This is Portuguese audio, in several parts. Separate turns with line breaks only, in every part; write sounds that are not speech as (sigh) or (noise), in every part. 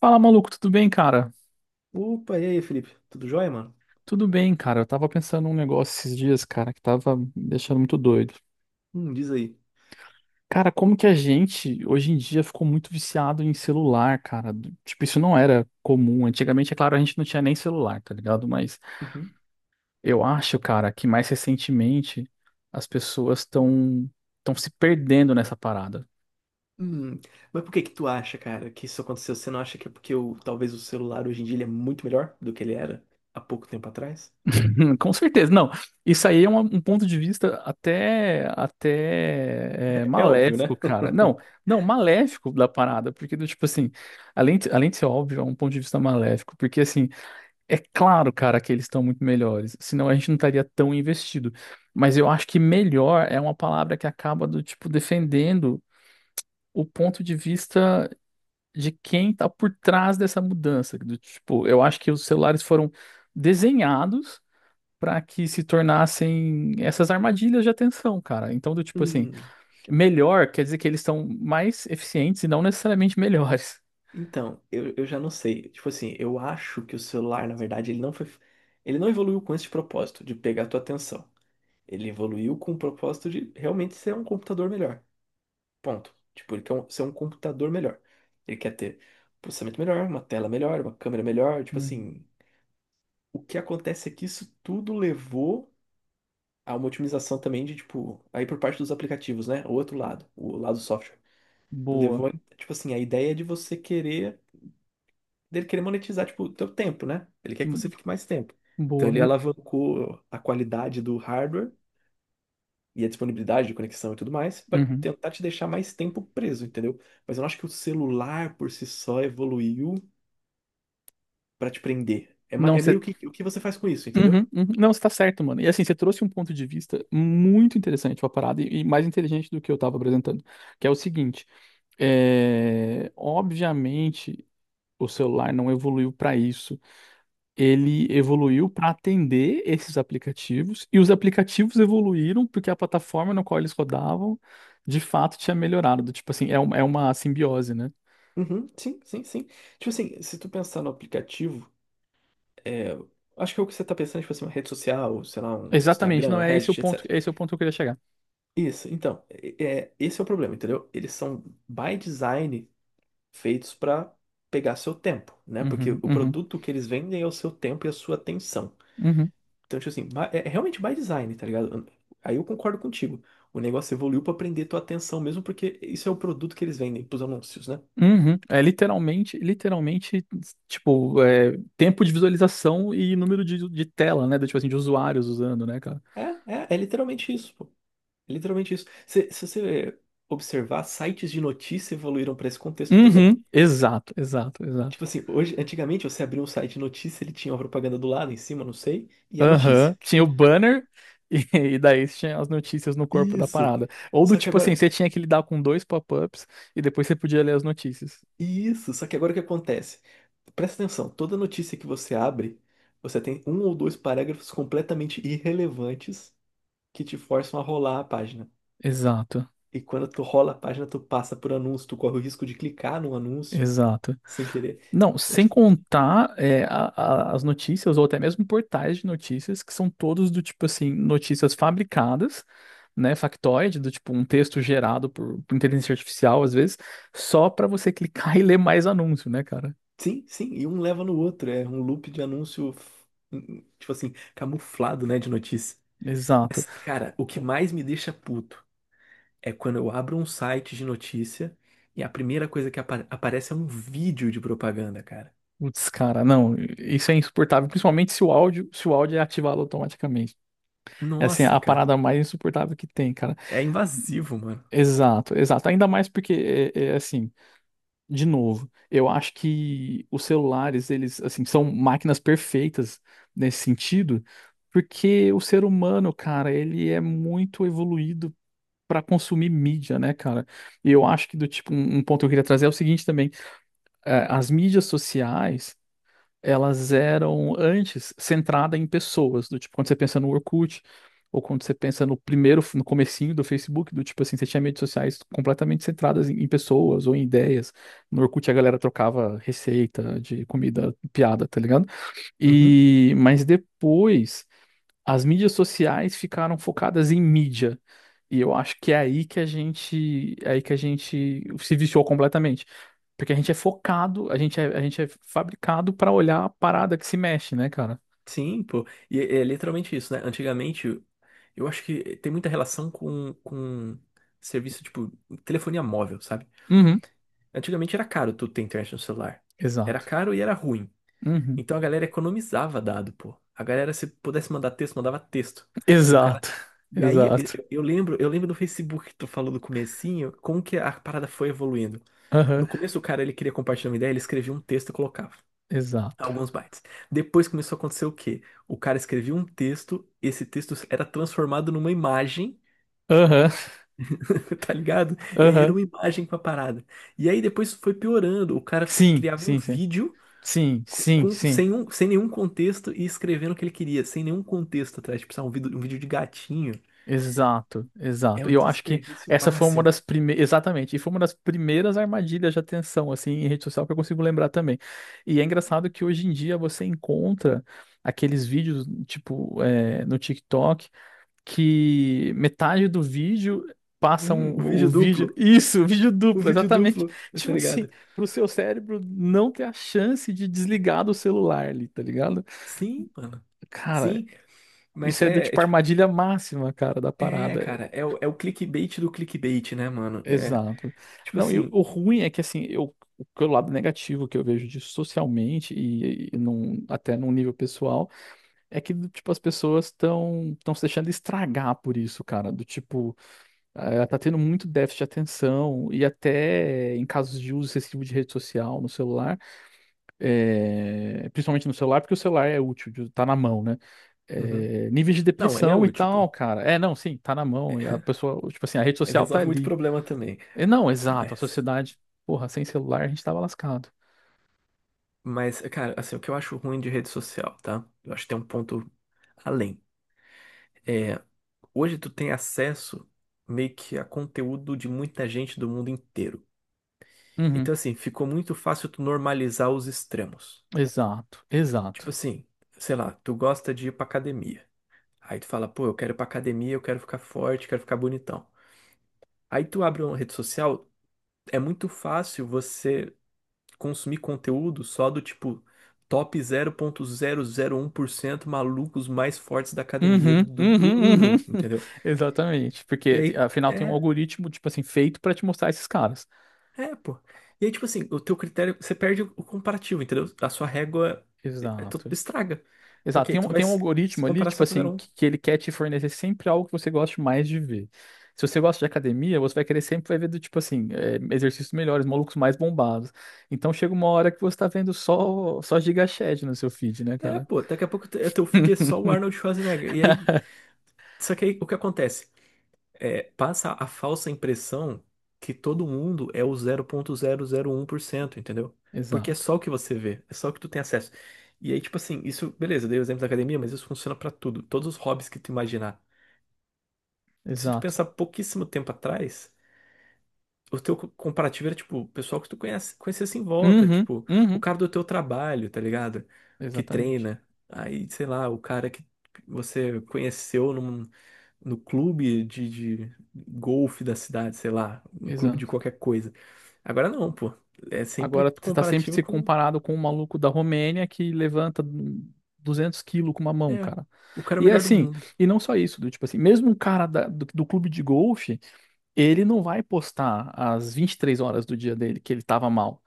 Fala, maluco, tudo bem, cara?
Opa, e aí, Felipe? Tudo jóia, mano?
Tudo bem, cara. Eu tava pensando num negócio esses dias, cara, que tava me deixando muito doido.
Diz aí.
Cara, como que a gente hoje em dia ficou muito viciado em celular, cara? Tipo, isso não era comum. Antigamente, é claro, a gente não tinha nem celular, tá ligado? Mas
Uhum.
eu acho, cara, que mais recentemente as pessoas estão se perdendo nessa parada.
Hum, mas por que que tu acha, cara, que isso aconteceu? Você não acha que é porque o, talvez o celular hoje em dia ele é muito melhor do que ele era há pouco tempo atrás?
(laughs) Com certeza, não. Isso aí é um ponto de vista até
É, é óbvio,
maléfico,
né?
cara. Não,
(laughs)
não, maléfico da parada, porque do tipo assim, além de ser óbvio, é um ponto de vista maléfico, porque assim, é claro, cara, que eles estão muito melhores, senão a gente não estaria tão investido. Mas eu acho que melhor é uma palavra que acaba do tipo defendendo o ponto de vista de quem tá por trás dessa mudança, do tipo, eu acho que os celulares foram desenhados para que se tornassem essas armadilhas de atenção, cara. Então, do tipo assim,
Hum,
melhor quer dizer que eles são mais eficientes e não necessariamente (laughs) melhores.
então, eu já não sei. Tipo assim, eu acho que o celular, na verdade, ele não foi, ele não evoluiu com esse propósito de pegar a tua atenção. Ele evoluiu com o propósito de realmente ser um computador melhor. Ponto. Tipo, ser um computador melhor. Ele quer ter processamento melhor, uma tela melhor, uma câmera melhor. Tipo
Uhum.
assim, o que acontece é que isso tudo levou a uma otimização também de, tipo, aí por parte dos aplicativos, né? O outro lado, o lado do software.
Boa.
Levou, tipo assim, a ideia de você querer, dele querer monetizar, tipo, o teu tempo, né? Ele quer que você
Hum.
fique mais tempo. Então
Boa.
ele alavancou a qualidade do hardware e a disponibilidade de conexão e tudo mais, para
Uhum.
tentar te deixar mais tempo preso, entendeu? Mas eu não acho que o celular por si só evoluiu para te prender. É,
Não,
é
você.
meio que o que você faz com isso,
Uhum,
entendeu?
uhum. Não, você tá certo, mano. E assim, você trouxe um ponto de vista muito interessante pra parada e mais inteligente do que eu tava apresentando, que é o seguinte: obviamente o celular não evoluiu pra isso. Ele evoluiu para atender esses aplicativos, e os aplicativos evoluíram porque a plataforma na qual eles rodavam, de fato, tinha melhorado. Do tipo assim, é uma simbiose, né?
Uhum, sim, sim, sim. Tipo assim, se tu pensar no aplicativo, é, acho que é o que você tá pensando, tipo assim, uma rede social, sei lá, um
Exatamente,
Instagram,
não, é esse o
Reddit,
ponto,
etc.
é esse o ponto que eu queria chegar.
Isso, então, esse é o problema, entendeu? Eles são, by design, feitos para pegar seu tempo, né? Porque
Uhum,
o
uhum,
produto que eles vendem é o seu tempo e a sua atenção.
uhum,
Então, tipo assim, é realmente by design, tá ligado? Aí eu concordo contigo. O negócio evoluiu para prender tua atenção mesmo, porque isso é o produto que eles vendem pros anúncios, né?
uhum. É literalmente, literalmente, tipo, tempo de visualização e número de tela, né? Do, tipo assim, de usuários usando, né, cara?
É, é literalmente isso, pô. É literalmente isso. Se você observar, sites de notícia evoluíram para esse contexto também.
Uhum, exato, exato, exato.
Tipo assim, hoje, antigamente você abria um site de notícia, ele tinha uma propaganda do lado, em cima, não sei, e a notícia.
Aham, tinha o banner e, (laughs) e daí tinha as notícias no corpo da
Isso.
parada. Ou do
Só que
tipo assim,
agora,
você tinha que lidar com dois pop-ups e depois você podia ler as notícias.
isso, só que agora o que acontece? Presta atenção, toda notícia que você abre, você tem um ou dois parágrafos completamente irrelevantes que te forçam a rolar a página.
Exato,
E quando tu rola a página, tu passa por anúncio, tu corre o risco de clicar num anúncio
exato.
sem querer.
Não,
É
sem
tipo,
contar as notícias, ou até mesmo portais de notícias, que são todos do tipo assim, notícias fabricadas, né? Factoide, do tipo um texto gerado por inteligência artificial, às vezes, só pra você clicar (laughs) e ler mais anúncio, né, cara?
sim, sim, e um leva no outro. É um loop de anúncio, tipo assim, camuflado, né, de notícia.
Exato.
Mas, cara, o que mais me deixa puto é quando eu abro um site de notícia e a primeira coisa que aparece é um vídeo de propaganda, cara.
Putz, cara, não, isso é insuportável, principalmente se o áudio é ativado automaticamente. É assim,
Nossa,
a
cara,
parada mais insuportável que tem, cara.
é invasivo, mano.
Exato, exato. Ainda mais porque é assim, de novo, eu acho que os celulares, eles assim, são máquinas perfeitas nesse sentido, porque o ser humano, cara, ele é muito evoluído para consumir mídia, né, cara? E eu acho que do tipo um ponto que eu queria trazer é o seguinte também, as mídias sociais elas eram antes centrada pessoas, do tipo, quando você pensa no Orkut, ou quando você pensa no primeiro, no comecinho do Facebook, do tipo assim, você tinha redes sociais completamente centradas em pessoas ou em ideias. No Orkut a galera trocava receita de comida, piada, tá ligado?
Uhum.
E, mas depois as mídias sociais ficaram focadas em mídia. E eu acho que é aí que a gente, é aí que a gente se viciou completamente. Porque a gente é focado, a gente é fabricado pra olhar a parada que se mexe, né, cara?
Sim, pô. E é, é literalmente isso, né? Antigamente, eu acho que tem muita relação com serviço, tipo, telefonia móvel, sabe?
Uhum.
Antigamente era caro tu ter internet no celular. Era
Exato.
caro e era ruim.
Uhum.
Então a galera economizava dado, pô. A galera, se pudesse mandar texto, mandava texto. O cara.
Exato. (laughs)
E aí,
Exato.
eu lembro, eu lembro do Facebook que tu falou do comecinho, como que a parada foi evoluindo. No
Aham.
começo, o cara, ele queria compartilhar uma ideia, ele escrevia um texto e colocava
Exato.
alguns bytes. Depois começou a acontecer o quê? O cara escrevia um texto, esse texto era transformado numa imagem,
Aham.
(laughs) tá ligado? E aí era
Aham.
uma imagem com a parada. E aí depois foi piorando, o
Sim,
criava um
sim, sim.
vídeo
Sim, sim,
com-
sim.
sem, sem nenhum contexto e escrevendo o que ele queria, sem nenhum contexto atrás. Tipo, sabe, um vídeo de gatinho
Exato,
é
exato. E
o
eu acho que
desperdício
essa foi uma
máximo.
das primeiras, exatamente, e foi uma das primeiras armadilhas de atenção, assim, em rede social que eu consigo lembrar também. E é engraçado que hoje em dia você encontra aqueles vídeos, tipo, no TikTok que metade do vídeo
Hum, o
o
vídeo
vídeo. (laughs)
duplo,
Isso, o vídeo
o
duplo,
vídeo
exatamente.
duplo,
(laughs)
eu tô
Tipo assim,
ligado.
pro seu cérebro não ter a chance de desligar do celular ali, tá ligado?
Sim, mano.
Cara,
Sim,
isso
mas
é da
é, é
tipo
tipo,
armadilha máxima, cara, da
é,
parada.
cara, é, é o clickbait do clickbait, né, mano? É,
Exato.
tipo
Não, e o
assim,
o ruim é que assim, eu. O que é o lado negativo que eu vejo disso socialmente e até num nível pessoal é que, tipo, as pessoas estão se deixando estragar por isso, cara. Do tipo, ela tá tendo muito déficit de atenção e até em casos de uso excessivo de rede social no celular, principalmente no celular, porque o celular é útil, tá na mão, né?
uhum.
É, níveis de
Não, ele é
depressão e
útil, pô.
tal, cara. É, não, sim, tá na
É,
mão. E a
(laughs)
pessoa, tipo assim, a rede
ele
social tá
resolve muito
ali.
problema também.
É, não, exato, a
Mas,
sociedade, porra, sem celular a gente tava lascado.
mas, cara, assim, o que eu acho ruim de rede social, tá? Eu acho que tem um ponto além. É, hoje tu tem acesso meio que a conteúdo de muita gente do mundo inteiro.
Uhum,
Então, assim, ficou muito fácil tu normalizar os extremos.
exato, exato.
Tipo assim, sei lá, tu gosta de ir pra academia. Aí tu fala, pô, eu quero ir pra academia, eu quero ficar forte, quero ficar bonitão. Aí tu abre uma rede social, é muito fácil você consumir conteúdo só do tipo top 0,001% malucos mais fortes da academia
Uhum,
do
uhum, uhum.
mundo, entendeu?
(laughs) Exatamente,
E
porque
aí.
afinal tem um
É
algoritmo, tipo assim, feito pra te mostrar esses caras.
É, pô. E aí, tipo assim, o teu critério, você perde o comparativo, entendeu? A sua régua tu
Exato.
estraga.
Exato,
Porque aí tu vai
tem um
se
algoritmo ali,
comparar
tipo
só com o
assim,
zero um.
que ele quer te fornecer sempre algo que você goste mais de ver. Se você gosta de academia, você vai querer sempre vai ver do tipo assim, exercícios melhores, malucos mais bombados. Então chega uma hora que você tá vendo só, só gigachad no seu feed, né,
É,
cara?
pô, daqui a pouco teu feed é só o Arnold Schwarzenegger. E aí, só que aí o que acontece? É, passa a falsa impressão que todo mundo é o 0,001%, entendeu? Porque é
Exato,
só o que você vê, é só o que tu tem acesso. E aí, tipo assim, isso, beleza, eu dei o exemplo da academia, mas isso funciona pra tudo, todos os hobbies que tu imaginar. Se tu
exato.
pensar pouquíssimo tempo atrás. O comparativo era, tipo, o pessoal que tu conhece, conhecesse em volta,
Uhum,
tipo, o
uhum,
cara do teu trabalho, tá ligado? Que
exatamente,
treina. Aí, sei lá, o cara que você no clube de golfe da cidade, sei lá, um clube de
exato.
qualquer coisa. Agora não, pô. É sempre
Agora você tá sempre
comparativo
se
com,
comparado com um maluco da Romênia que levanta 200 quilos com uma mão,
é,
cara.
o cara
E é
melhor do
assim,
mundo.
e não só isso, do tipo assim, mesmo um cara do clube de golfe. Ele não vai postar as 23 horas do dia dele que ele tava mal.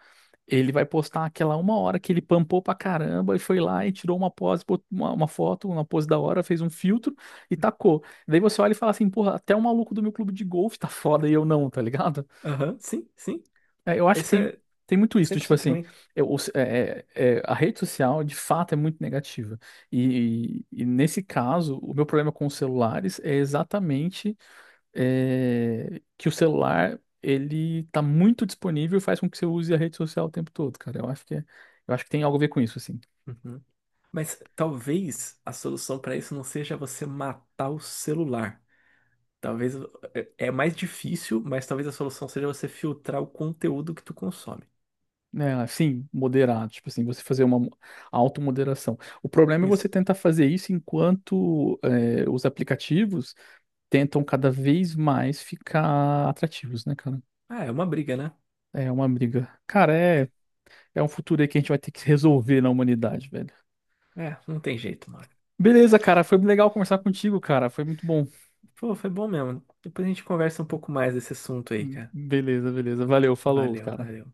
Ele vai postar aquela uma hora que ele pampou pra caramba e foi lá e tirou uma pose, uma foto, uma pose da hora, fez um filtro e tacou. Daí você olha e fala assim, porra, até o maluco do meu clube de golfe tá foda e eu não, tá ligado?
Aham, sim, sim.
É, eu acho que
Esse é
tem muito isso,
cem
do
por
tipo
cento
assim,
ruim.
a rede social de fato é muito negativa. E, e nesse caso, o meu problema com os celulares é exatamente que o celular ele tá muito disponível e faz com que você use a rede social o tempo todo, cara. Eu acho que eu acho que tem algo a ver com isso, assim.
Uhum. Mas talvez a solução para isso não seja você matar o celular. Talvez é mais difícil, mas talvez a solução seja você filtrar o conteúdo que tu consome.
Né, sim, moderado, tipo assim, você fazer uma automoderação. O problema é você
Isso.
tentar fazer isso enquanto os aplicativos tentam cada vez mais ficar atrativos, né, cara?
Ah, é uma briga, né?
É uma briga. Cara, é um futuro aí que a gente vai ter que resolver na humanidade, velho.
É, não tem jeito, mano.
Beleza, cara, foi legal conversar contigo, cara. Foi muito bom.
Pô, foi bom mesmo. Depois a gente conversa um pouco mais desse assunto aí, cara.
Beleza, beleza. Valeu, falou,
Valeu,
cara.
valeu.